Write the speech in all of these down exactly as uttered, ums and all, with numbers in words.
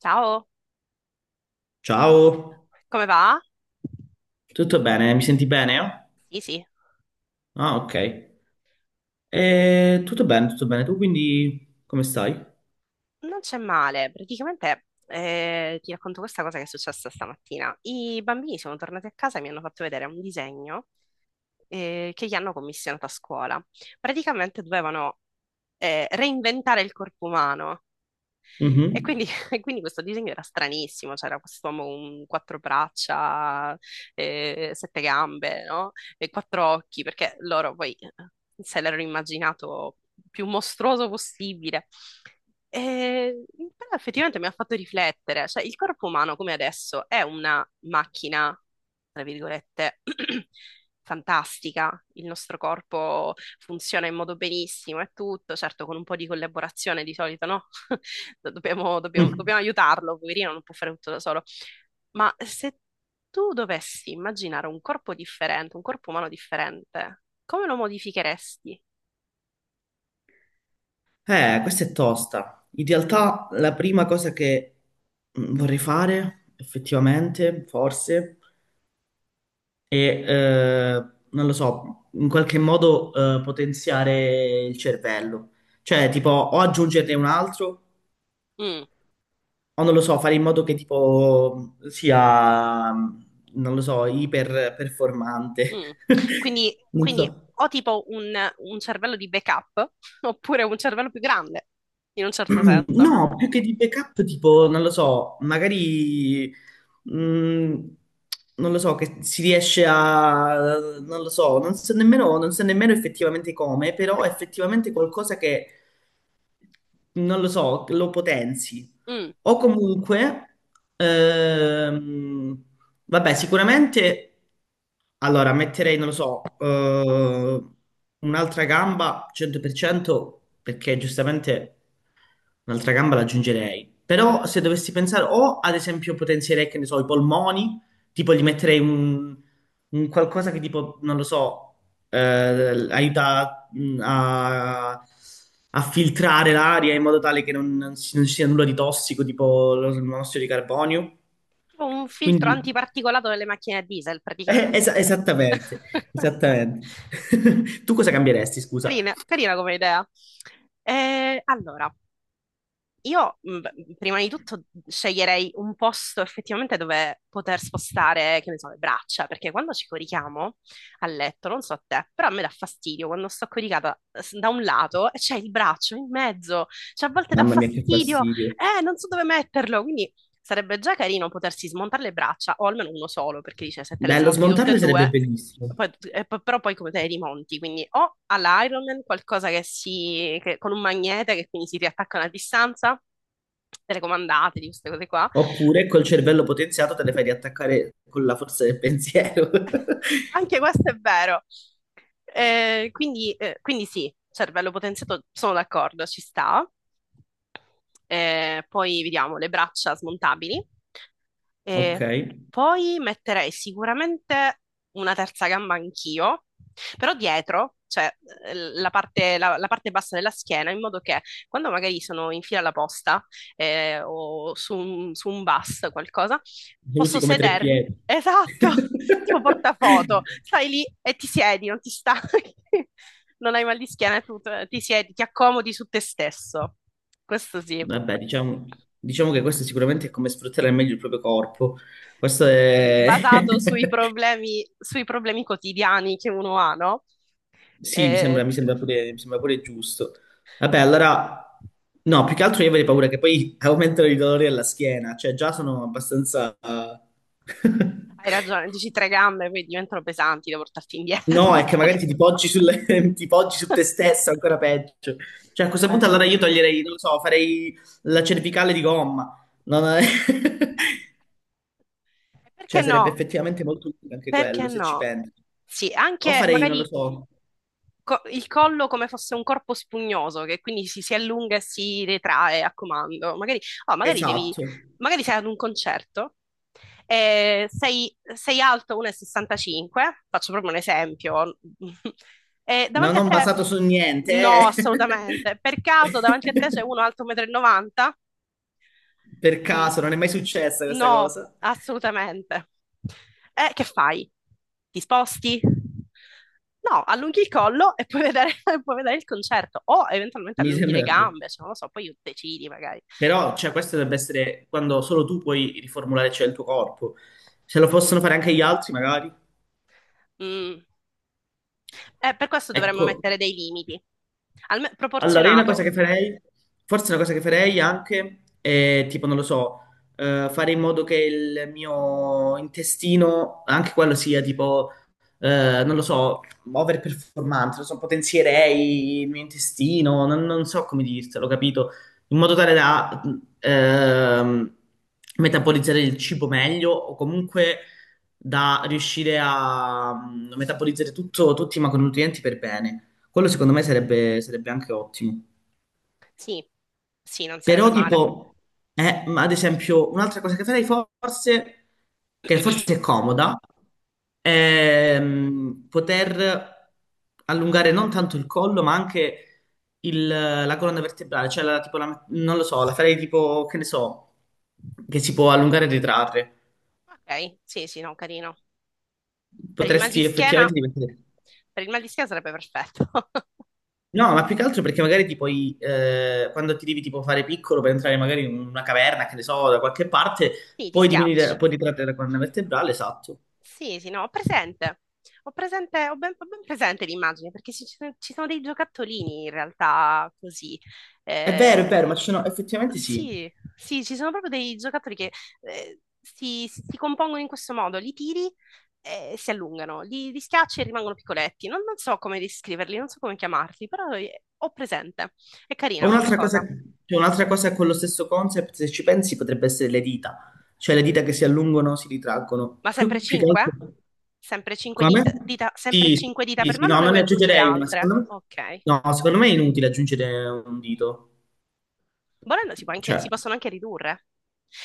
Ciao, Ciao, come va? tutto bene? Mi senti bene? Sì, sì, Ah, ok. Eh, tutto bene, tutto bene. Tu quindi come stai? non c'è male. Praticamente eh, ti racconto questa cosa che è successa stamattina. I bambini sono tornati a casa e mi hanno fatto vedere un disegno eh, che gli hanno commissionato a scuola. Praticamente dovevano eh, reinventare il corpo umano. E Mhm. quindi, e quindi questo disegno era stranissimo, c'era quest'uomo con quattro braccia, eh, sette gambe, no? E quattro occhi, perché loro poi eh, se l'erano immaginato più mostruoso possibile. E, Però effettivamente mi ha fatto riflettere, cioè il corpo umano come adesso è una macchina, tra virgolette, fantastica, il nostro corpo funziona in modo benissimo e tutto, certo con un po' di collaborazione di solito, no? Dobbiamo, dobbiamo- Mm. dobbiamo aiutarlo, poverino, non può fare tutto da solo. Ma se tu dovessi immaginare un corpo differente, un corpo umano differente, come lo modificheresti? Eh, questa è tosta. In realtà la prima cosa che mm, vorrei fare, effettivamente, forse, è, eh, non lo so, in qualche modo eh, potenziare il cervello. Cioè, tipo, o aggiungerne un altro, Mm, o non lo so, fare in modo che tipo sia, non lo so, iper performante. mm. Quindi, Non quindi so. o tipo un, un cervello di backup, oppure un cervello più grande, in un certo senso. No, più che di backup, tipo, non lo so, magari, mm, non lo so, che si riesce a, non lo so, non so nemmeno, non so nemmeno effettivamente come, però effettivamente qualcosa che, non lo so, lo potenzi. Mm. O comunque, ehm, vabbè, sicuramente, allora, metterei, non lo so, eh, un'altra gamba cento per cento perché giustamente un'altra gamba l'aggiungerei. Però se dovessi pensare, o ad esempio potenzierei, che ne so, i polmoni. Tipo gli metterei un, un qualcosa che tipo, non lo so, eh, aiuta mh, a, a filtrare l'aria in modo tale che non, non ci non ci sia nulla di tossico, tipo lo- il monossido di carbonio. Tipo un filtro Quindi, antiparticolato nelle macchine a diesel, eh, praticamente. esa- esattamente, esattamente. Tu cosa cambieresti, scusa? Carina, carina come idea. Eh, allora, io mh, prima di tutto sceglierei un posto effettivamente dove poter spostare, che ne so, le braccia, perché quando ci corichiamo a letto, non so a te, però a me dà fastidio quando sto coricata s- da un lato e c'è il braccio in mezzo, cioè a volte dà Mamma mia, che fastidio, fastidio. eh, non so dove metterlo, quindi sarebbe già carino potersi smontare le braccia, o almeno uno solo, perché dice se te le Bello, smonti tutte e smontarle sarebbe due, bellissimo. poi- e poi- però poi come te le rimonti? Quindi o all'Iron Man qualcosa che si, che- con un magnete che quindi si riattaccano a una distanza, telecomandate, di queste cose qua. Oppure col cervello potenziato te le fai riattaccare con la forza del pensiero. Anche questo è vero. Eh, quindi, eh, quindi sì, cervello potenziato, sono d'accordo, ci sta. Eh, poi vediamo le braccia smontabili. E Ok. poi metterei sicuramente una terza gamba anch'io, però dietro, cioè eh, la parte, la- la parte bassa della schiena, in modo che quando magari sono in fila alla posta eh, o su un, su un bus, qualcosa. Lo usi Posso come tre sedermi? piedi. Esatto, tipo portafoto. Stai lì e ti siedi, non ti stanchi, non hai mal di schiena e tutto. Ti siedi, ti accomodi su te stesso. Questo sì. Vabbè, diciamo, diciamo che questo sicuramente è come sfruttare al meglio il proprio corpo. Questo Sì, è. basato sui problemi, sui problemi quotidiani che uno ha, no? Sì, mi Eh, sembra, mi sembra pure, mi sembra pure giusto. Vabbè, allora. No, più che altro io avrei paura che poi aumentano i dolori alla schiena. Cioè, già sono abbastanza. Hai ragione, dici tre gambe, poi diventano pesanti da portarti indietro, da No, è che portarti. magari ti, ti poggi sul- ti poggi su te stesso, ancora peggio. Cioè, a questo punto allora Eh, io toglierei, non lo so, farei la cervicale di gomma. Non è- Perché Cioè, sarebbe no? effettivamente molto utile anche Perché quello, se ci no? pensi. Sì, O anche farei, non lo magari so, co- il collo come fosse un corpo spugnoso, che quindi si, si allunga e si retrae a comando. Magari, oh, magari devi, esatto. magari sei ad un concerto, e sei, sei alto uno e sessantacinque, faccio proprio un esempio, e No, davanti a non te, basato su no, niente, eh. assolutamente, per caso davanti a te c'è uno alto uno e novanta metri m. Per Lì? caso, non è mai successa questa No, cosa. assolutamente. E che fai? Ti sposti? No, allunghi il collo e puoi vedere, puoi vedere il concerto o eventualmente Mi allunghi le sembra. gambe, cioè, non lo so, poi decidi magari. Però, cioè, questo dovrebbe essere quando solo tu puoi riformulare, cioè, il tuo corpo. Se lo possono Mm, fare anche gli altri, magari. mm. Eh, per questo dovremmo Ecco. mettere dei limiti. Alme- Allora, io una cosa Proporzionato. che farei, forse una cosa che farei anche, è tipo, non lo so, eh, fare in modo che il mio intestino, anche quello sia tipo, eh, non lo so, overperformante, non so, potenzierei il mio intestino, non, non so come dirtelo, capito? In modo tale da ehm, metabolizzare il cibo meglio o comunque da riuscire a mm, metabolizzare tutto, tutti i macronutrienti per bene. Quello secondo me sarebbe, sarebbe anche ottimo. Sì, sì, non sarebbe Però male. tipo, eh, ma ad esempio, un'altra cosa che farei forse, che forse è comoda, è mm, poter allungare non tanto il collo, ma anche il- la colonna vertebrale. Cioè, la- tipo, la- non lo so, la farei tipo, che ne so, che si può allungare e ritrarre. Ok, sì, sì, no, carino. Per il mal di Potresti schiena, effettivamente diventare. per il mal di schiena sarebbe perfetto. No, ma più che altro perché magari ti puoi, eh, quando ti devi tipo fare piccolo per entrare magari in una caverna, che ne so, da qualche parte, Sì, ti puoi diminuire, schiacci. puoi ritrarre la colonna vertebrale, esatto. Sì, sì, no, ho presente. Ho presente, ho ben, ho ben presente l'immagine perché ci, ci sono ci sono dei giocattolini in realtà così. È vero, Eh, è vero, ma ci sono, effettivamente sì. sì, sì, ci sono proprio dei giocattoli che eh, si, si- si compongono in questo modo, li tiri e si allungano, li, li schiacci e rimangono piccoletti. Non, non so come descriverli, non so come chiamarli, però eh, ho presente. È Ma carina come un'altra cosa, cosa. cioè, un'altra cosa con lo stesso concept, se ci pensi, potrebbe essere le dita. Cioè le dita che si allungano, si ritraggono. Ma sempre Più, più che altro. cinque? Sempre cinque Come? dita, sempre Sì, sì, cinque dita sì, per sì, mano, o no, ne non vuoi ne aggiungere aggiungerei una. altre? Secondo me. Ok. No, secondo me è inutile aggiungere un dito. Volendo si può anche- Cioè, si possono anche ridurre.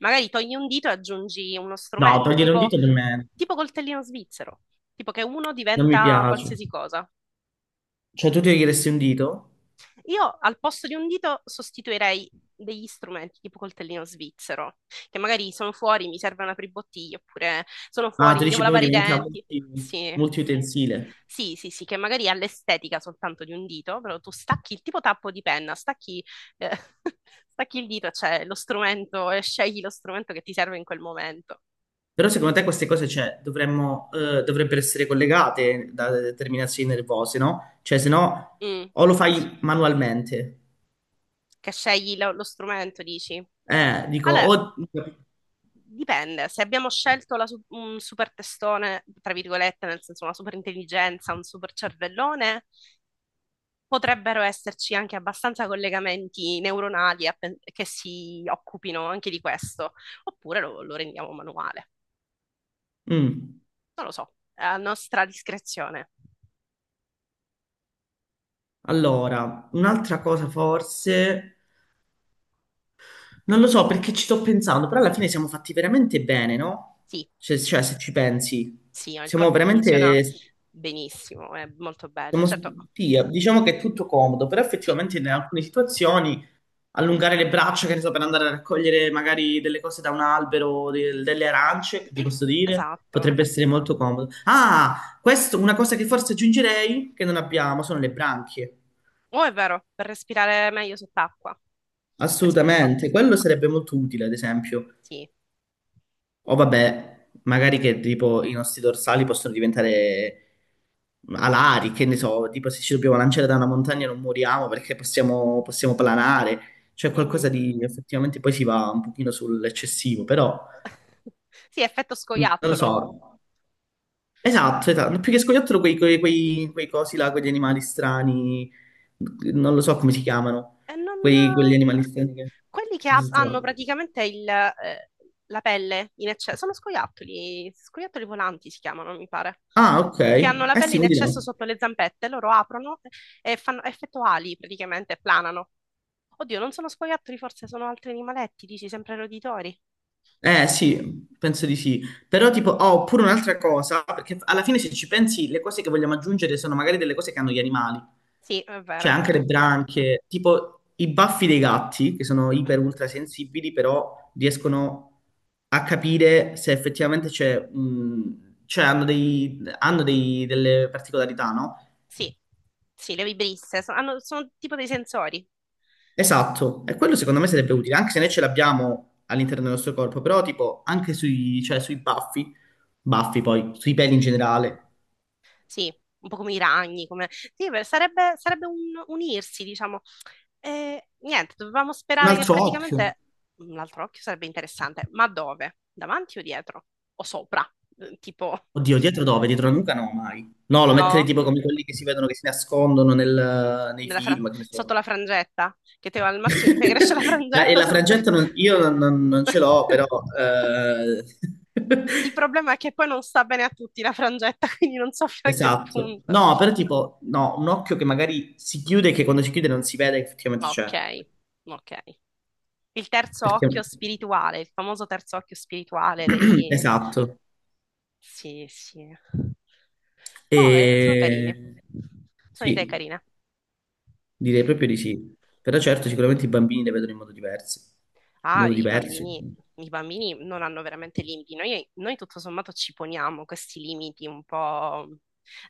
Magari togli un dito e aggiungi uno no, strumento, togliere un tipo, dito per me. tipo coltellino svizzero, tipo che uno Non mi diventa piace. qualsiasi cosa. Cioè, tu ti chiederesti un dito? Io al posto di un dito sostituirei degli strumenti tipo coltellino svizzero, che magari sono fuori, mi serve una pribottiglia, oppure sono Ah, fuori, tu mi devo dici lavare proprio i diventa denti. multi, Sì, multiutensile. sì, sì, sì, che magari ha l'estetica soltanto di un dito, però tu stacchi il tipo tappo di penna, stacchi, eh, stacchi il dito, cioè lo strumento, e scegli lo strumento che ti serve in quel momento. Però secondo te queste cose, cioè, dovremmo, eh, dovrebbero essere collegate da determinazioni nervose, no? Cioè, se no, Mm. o lo fai manualmente. Che scegli lo, lo strumento, dici? Eh, dico, Allora, o. dipende. Se abbiamo scelto la su- un super testone, tra virgolette, nel senso una super intelligenza, un super cervellone, potrebbero esserci anche abbastanza collegamenti neuronali a pen- che si occupino anche di questo, oppure lo, lo rendiamo manuale. Mm. Non lo so, è a nostra discrezione. Allora, un'altra cosa forse. Non lo so perché ci sto pensando, però alla fine siamo fatti veramente bene, no? Sì, Cioè, cioè, se ci pensi, sì, il siamo corpo funziona veramente. benissimo, è molto bello. Siamo Certo, spia- diciamo che è tutto comodo, però sì, effettivamente in alcune situazioni allungare le braccia, che ne so, per andare a raccogliere magari delle cose da un albero, de- delle arance, che ti posso dire, esatto. potrebbe essere molto comodo. Ah, questo, una cosa che forse aggiungerei, che non abbiamo, sono le branchie. Oh, è vero, per respirare meglio sott'acqua. Per respirare proprio. Assolutamente, quello sarebbe molto utile, ad esempio. Sì. O vabbè, magari che tipo i nostri dorsali possono diventare alari, che ne so, tipo se ci dobbiamo lanciare da una montagna non moriamo perché possiamo, possiamo planare, cioè qualcosa Mhm. di effettivamente poi si va un pochino sull'eccessivo, però Sì, effetto non lo so. scoiattolo. Esatto, esatto, più che scoiattolo quei, quei, quei, quei cosi là, quegli animali strani, non lo so come si chiamano, E quei, quegli non. animali strani che... Quelli che che ha- si hanno trovano. praticamente il, eh, la pelle in eccesso, sono scoiattoli, scoiattoli volanti si chiamano, mi pare, Ah, ok, che hanno la eh pelle sì, in quelli là. eccesso sotto le zampette, loro aprono e fanno effetto ali praticamente, planano. Oddio, non sono scoiattoli, forse sono altri animaletti, dici sempre roditori. Eh sì, penso di sì. Però tipo, oh, oppure un'altra cosa, perché alla fine se ci pensi, le cose che vogliamo aggiungere sono magari delle cose che hanno gli animali, Sì, è cioè vero. anche le branchie, tipo i baffi dei gatti, che sono iper ultra sensibili, però riescono a capire se effettivamente c'è, mh, cioè hanno dei, hanno dei- delle particolarità, no? Sì, sì, le vibrisse, so- hanno- sono tipo dei sensori. Esatto, e quello Sì. secondo me sarebbe utile, anche se noi ce l'abbiamo all'interno del nostro corpo, però tipo anche sui, cioè, sui baffi. Baffi poi, sui peli in generale. Sì, un po' come i ragni, come. Sì, beh, sarebbe, sarebbe un unirsi, diciamo. E, niente, dovevamo Un sperare che altro occhio. praticamente l'altro occhio sarebbe interessante, ma dove? Davanti o dietro? O sopra? Eh, Tipo, Oddio, dietro dove? Dietro la nuca no, mai. No, lo metterei no? tipo come quelli che si vedono che si nascondono nel- nei Nella fra- film, che ne Sotto so. la frangetta? Che te al massimo ti fai crescere la La- E frangetta la se non fai- frangetta non- io non, non- non ce l'ho, però. eh, Il problema è che poi non sta bene a tutti la frangetta, quindi non so fino a che Esatto. punto. No, però tipo, no, un occhio che magari si chiude e che quando si chiude non si vede che effettivamente c'è. Ok, ok. Il terzo Perché. occhio spirituale, il famoso terzo occhio spirituale dei. Esatto. Sì, sì. Boh, eh, sono carini. E... Sono idee Sì. carine. Direi proprio di sì. Però certo, sicuramente i bambini le vedono in modo diverso. In Ah, modo i diverso. bambini, i bambini non hanno veramente limiti. Noi, noi tutto sommato ci poniamo questi limiti un po'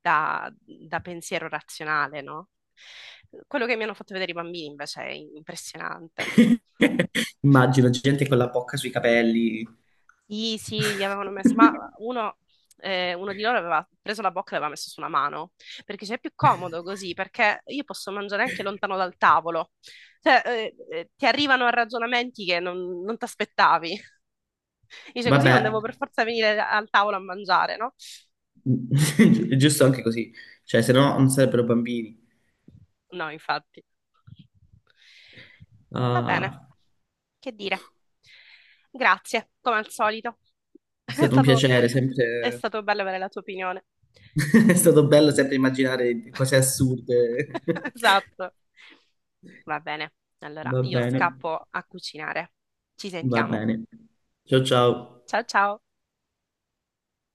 da, da pensiero razionale, no? Quello che mi hanno fatto vedere i bambini invece è impressionante. Immagino gente con la bocca sui capelli. Sì, sì, gli avevano messo, ma uno, eh, uno di loro aveva preso la bocca e l'aveva messo su una mano, perché c'è più comodo così, perché io posso mangiare anche lontano dal tavolo, cioè eh, eh, ti arrivano ragionamenti che non, non ti aspettavi, dice così non Vabbè, devo per forza venire al tavolo a mangiare, no? è giusto anche così. Cioè, se no non sarebbero bambini. No, infatti. Va bene, Ah, che dire. Grazie, come al solito. è È stato un stato, piacere, è sempre. stato bello avere la tua opinione. È stato bello sempre immaginare cose assurde. Esatto. Va bene. Allora, Va io bene, scappo a cucinare. Ci va sentiamo. bene. Ciao ciao. Ciao ciao.